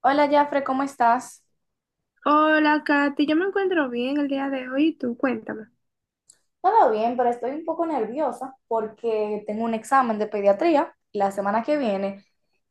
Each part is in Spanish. Hola, Jafre, ¿cómo estás? Hola, Katy, yo me encuentro bien el día de hoy. Tú cuéntame. Todo bien, pero estoy un poco nerviosa porque tengo un examen de pediatría la semana que viene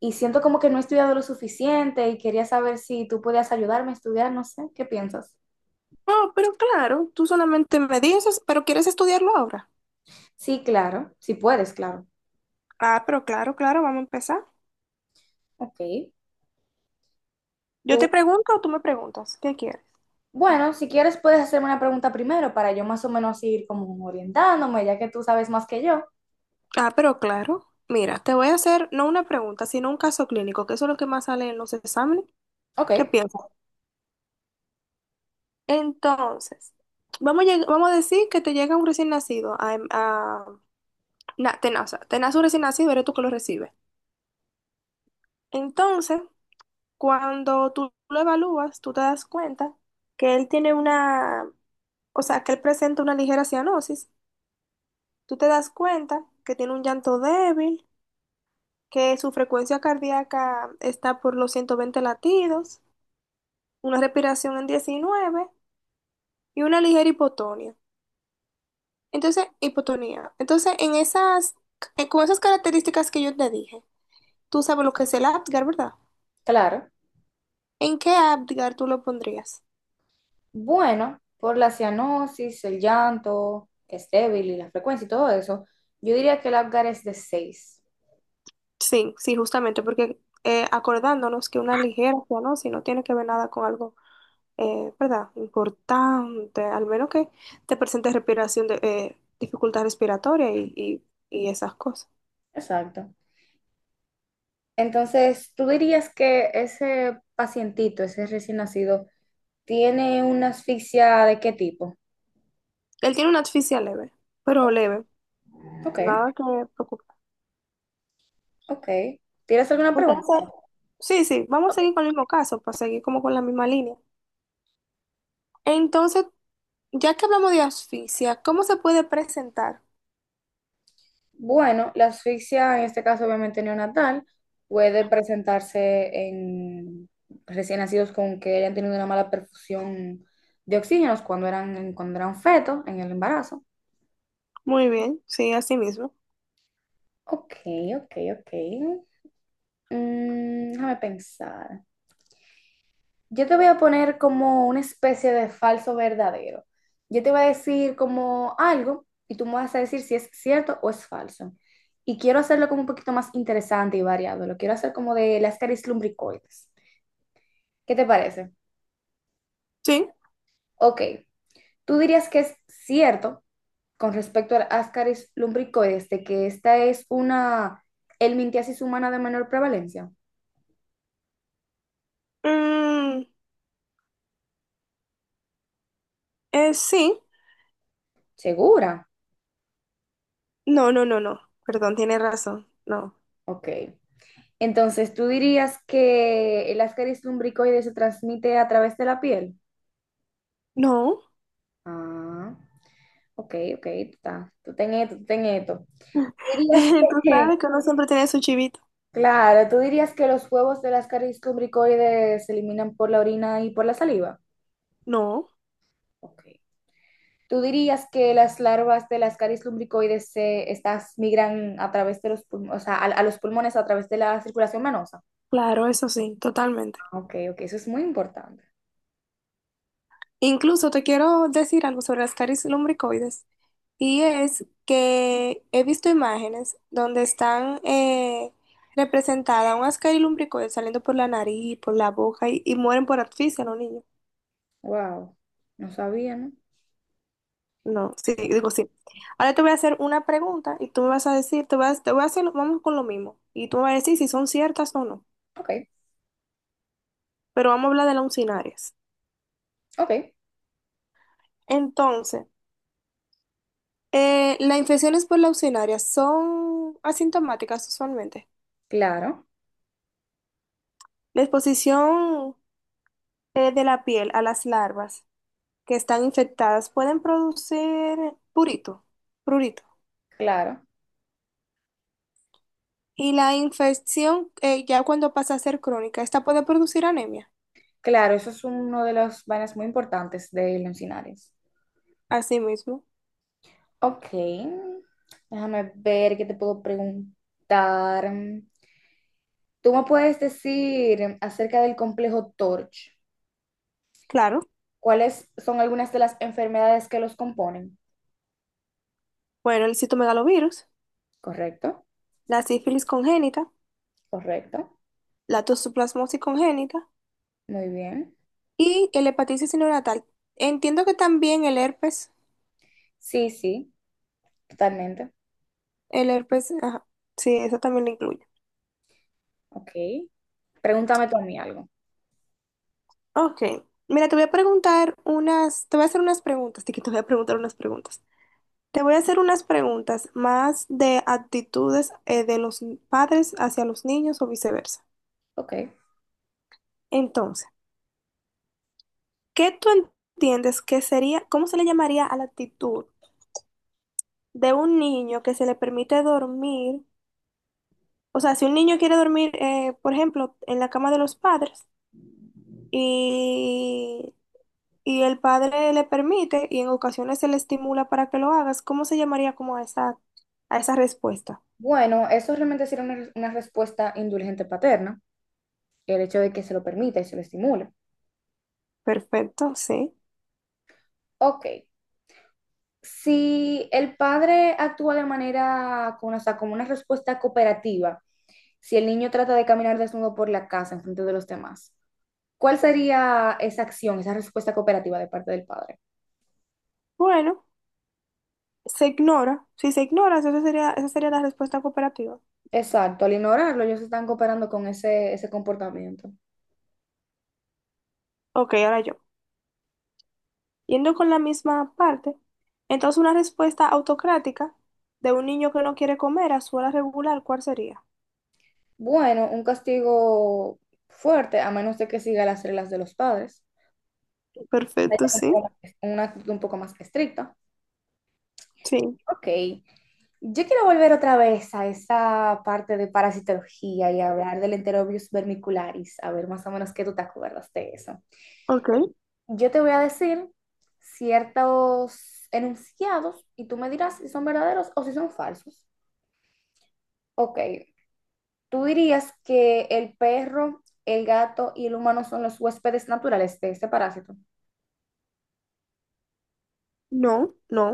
y siento como que no he estudiado lo suficiente y quería saber si tú podías ayudarme a estudiar, no sé, ¿qué piensas? Oh, pero claro, tú solamente me dices, pero ¿quieres estudiarlo ahora? Sí, claro, si puedes, claro. Ah, pero claro, claro, vamos a empezar. Ok. Yo te Tú, pregunto o tú me preguntas, ¿qué quieres? bueno, si quieres puedes hacerme una pregunta primero para yo más o menos ir como orientándome, ya que tú sabes más que yo. Ah, pero claro, mira, te voy a hacer no una pregunta, sino un caso clínico, que eso es lo que más sale en los exámenes. Ok, ¿Qué piensas? Entonces, vamos a, vamos a decir que te llega un recién nacido a, te nace, un recién nacido, eres tú que lo recibes. Entonces, cuando tú lo evalúas, tú te das cuenta que él tiene una, o sea, que él presenta una ligera cianosis. Tú te das cuenta que tiene un llanto débil, que su frecuencia cardíaca está por los 120 latidos, una respiración en 19 y una ligera hipotonía. Entonces, hipotonía. Entonces, con esas características que yo te dije, tú sabes lo que es el Apgar, ¿verdad? claro. ¿En qué Apgar tú lo pondrías? Bueno, por la cianosis, el llanto, que es débil y la frecuencia y todo eso, yo diría que el Apgar es de 6. Sí, sí, justamente, porque acordándonos que una ligercia, ¿no? Si no tiene que ver nada con algo, ¿verdad? Importante, al menos que te presente respiración de dificultad respiratoria y esas cosas. Exacto. Entonces, ¿tú dirías que ese pacientito, ese recién nacido, tiene una asfixia de qué tipo? Él tiene una asfixia leve, pero leve, Ok. nada que preocupar. Ok. ¿Tienes alguna pregunta? Entonces, sí, sí, vamos a seguir con el mismo caso, para seguir como con la misma línea. Entonces, ya que hablamos de asfixia, ¿cómo se puede presentar? Bueno, la asfixia, en este caso obviamente neonatal, puede presentarse en recién nacidos con que hayan tenido una mala perfusión de oxígenos cuando eran fetos en el embarazo. Muy bien, sí, así mismo. Ok, ok, ok. Déjame pensar. Yo te voy a poner como una especie de falso verdadero. Yo te voy a decir como algo y tú me vas a decir si es cierto o es falso. Y quiero hacerlo como un poquito más interesante y variado. Lo quiero hacer como de las caries lumbricoides. ¿Qué te parece? Sí. Ok, tú dirías que es cierto con respecto a las caries lumbricoides de que esta es una helmintiasis humana de menor prevalencia. Mm, sí. ¿Segura? No, no, no, no. Perdón, tiene razón. No. Ok. Entonces, ¿tú dirías que el Ascaris lumbricoides se transmite a través de la piel? No. Ah, ok, ok, tú ten esto, tú ten esto. ¿Tú dirías Tú que, sabes que uno siempre tiene su chivito. claro, tú dirías que los huevos del Ascaris lumbricoides se eliminan por la orina y por la saliva? No. Ok. ¿Tú dirías que las larvas del Ascaris lumbricoides estas migran a través de los pulmones, o sea, a los pulmones a través de la circulación venosa? Claro, eso sí, totalmente. Ah, ok, ok, eso es muy importante. Incluso te quiero decir algo sobre las caries lumbricoides. Y es que he visto imágenes donde están representadas unas caries lumbricoides saliendo por la nariz, por la boca y mueren por asfixia los niños. Wow, no sabía, ¿no? No, sí, digo sí. Ahora te voy a hacer una pregunta y tú me vas a decir, te vas, te voy a hacer, vamos con lo mismo. Y tú me vas a decir si son ciertas o no. Ok, Pero vamos a hablar de leucinarias. ok. Entonces, las infecciones por leucinaria son asintomáticas usualmente. Claro, La exposición de la piel a las larvas que están infectadas pueden producir purito, prurito. claro, Y la infección, ya cuando pasa a ser crónica, esta puede producir anemia. claro, eso es uno de los vainas muy importantes de Leoncinares. Asimismo, Ok, déjame ver qué te puedo preguntar. ¿Tú me puedes decir acerca del complejo Torch? claro. ¿Cuáles son algunas de las enfermedades que los componen? Bueno, el citomegalovirus, Correcto, la sífilis congénita, correcto, la toxoplasmosis congénita muy bien. y el hepatitis neonatal. Entiendo que también el herpes. Sí, sí, totalmente. El herpes, ajá. Sí, eso también lo incluye. Ok, pregúntame tú a mí algo. Ok. Mira, te voy a preguntar unas, te voy a hacer unas preguntas, Tiki, te voy a preguntar unas preguntas. Te voy a hacer unas preguntas más de actitudes de los padres hacia los niños o viceversa. Ok, Entonces, ¿qué tú entiendes que sería, cómo se le llamaría a la actitud de un niño que se le permite dormir? O sea, si un niño quiere dormir, por ejemplo, en la cama de los padres y el padre le permite y en ocasiones se le estimula para que lo hagas, ¿cómo se llamaría como a esa respuesta? bueno, eso realmente sería una respuesta indulgente paterna. El hecho de que se lo permita y se lo estimule. Perfecto, sí. Ok, si el padre actúa de manera, o sea, como una respuesta cooperativa, si el niño trata de caminar desnudo por la casa en frente de los demás, ¿cuál sería esa acción, esa respuesta cooperativa de parte del padre? Bueno, se ignora. Si se ignora, esa sería la respuesta cooperativa. Exacto, al ignorarlo, ellos están cooperando con ese comportamiento. Ok, ahora yo. Yendo con la misma parte, entonces una respuesta autocrática de un niño que no quiere comer a su hora regular, ¿cuál sería? Bueno, un castigo fuerte, a menos de que siga las reglas de los padres. Hay Perfecto, sí. Una actitud un poco más estricta. Sí. Ok, yo quiero volver otra vez a esa parte de parasitología y hablar del Enterobius vermicularis, a ver más o menos qué tú te acuerdas de eso. Ok. Yo te voy a decir ciertos enunciados y tú me dirás si son verdaderos o si son falsos. Ok, tú dirías que el perro, el gato y el humano son los huéspedes naturales de este parásito. No, no,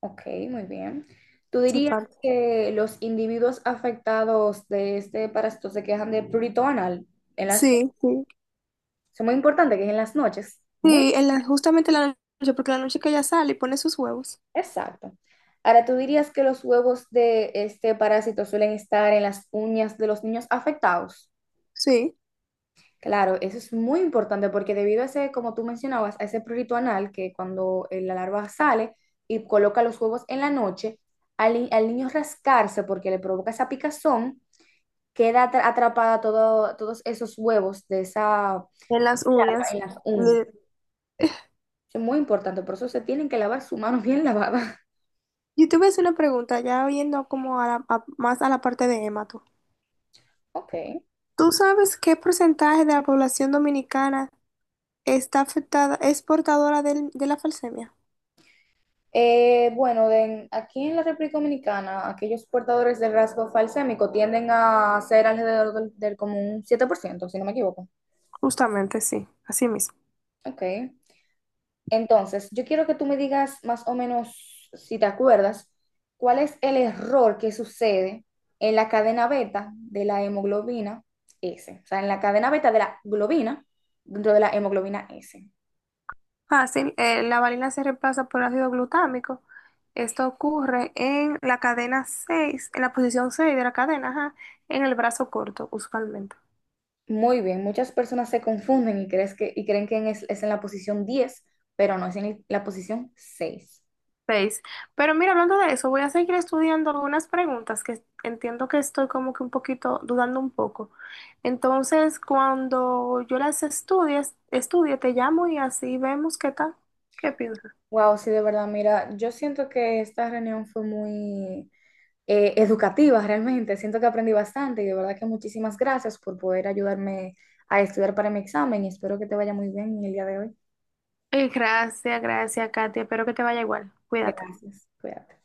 Ok, muy bien. Tú se dirías falta. que los individuos afectados de este parásito se quejan de prurito anal en las Sí, sí. es muy importante que es en las noches. Muy Sí, justamente en la noche, porque la noche que ella sale y pone sus huevos. Exacto. Ahora, ¿tú dirías que los huevos de este parásito suelen estar en las uñas de los niños afectados? Sí, Claro, eso es muy importante porque debido a ese, como tú mencionabas, a ese prurito anal que cuando la larva sale y coloca los huevos en la noche, al, ni- al niño rascarse porque le provoca esa picazón, queda atrapada todos esos huevos de esa en las larva uñas. en las uñas. Le- Eso es muy importante, por eso se tienen que lavar su mano bien lavada. Yo te voy a hacer una pregunta, ya viendo como más a la parte de Emma, tú. Ok. ¿Tú sabes qué porcentaje de la población dominicana está afectada, es portadora de la falsemia? Bueno, aquí en la República Dominicana, aquellos portadores del rasgo falsémico tienden a ser alrededor del como un 7%, si no me equivoco. Justamente, sí, así mismo. Ok. Entonces, yo quiero que tú me digas más o menos, si te acuerdas, cuál es el error que sucede en la cadena beta de la hemoglobina S. O sea, en la cadena beta de la globina dentro de la hemoglobina S. Fácil, la valina se reemplaza por ácido glutámico. Esto ocurre en la cadena 6, en la posición 6 de la cadena, ajá, en el brazo corto, usualmente. Muy bien, muchas personas se confunden y creen que es en la posición 10, pero no, es en la posición 6. Seis. Pero mira, hablando de eso, voy a seguir estudiando algunas preguntas que entiendo que estoy como que un poquito dudando un poco. Entonces, cuando yo estudie, te llamo y así vemos qué tal. ¿Qué piensas? Wow, sí, de verdad, mira, yo siento que esta reunión fue muy educativa realmente, siento que aprendí bastante y de verdad que muchísimas gracias por poder ayudarme a estudiar para mi examen y espero que te vaya muy bien en el día de hoy. Gracias, gracias, Katia. Espero que te vaya igual. Cuídate. Gracias, cuídate.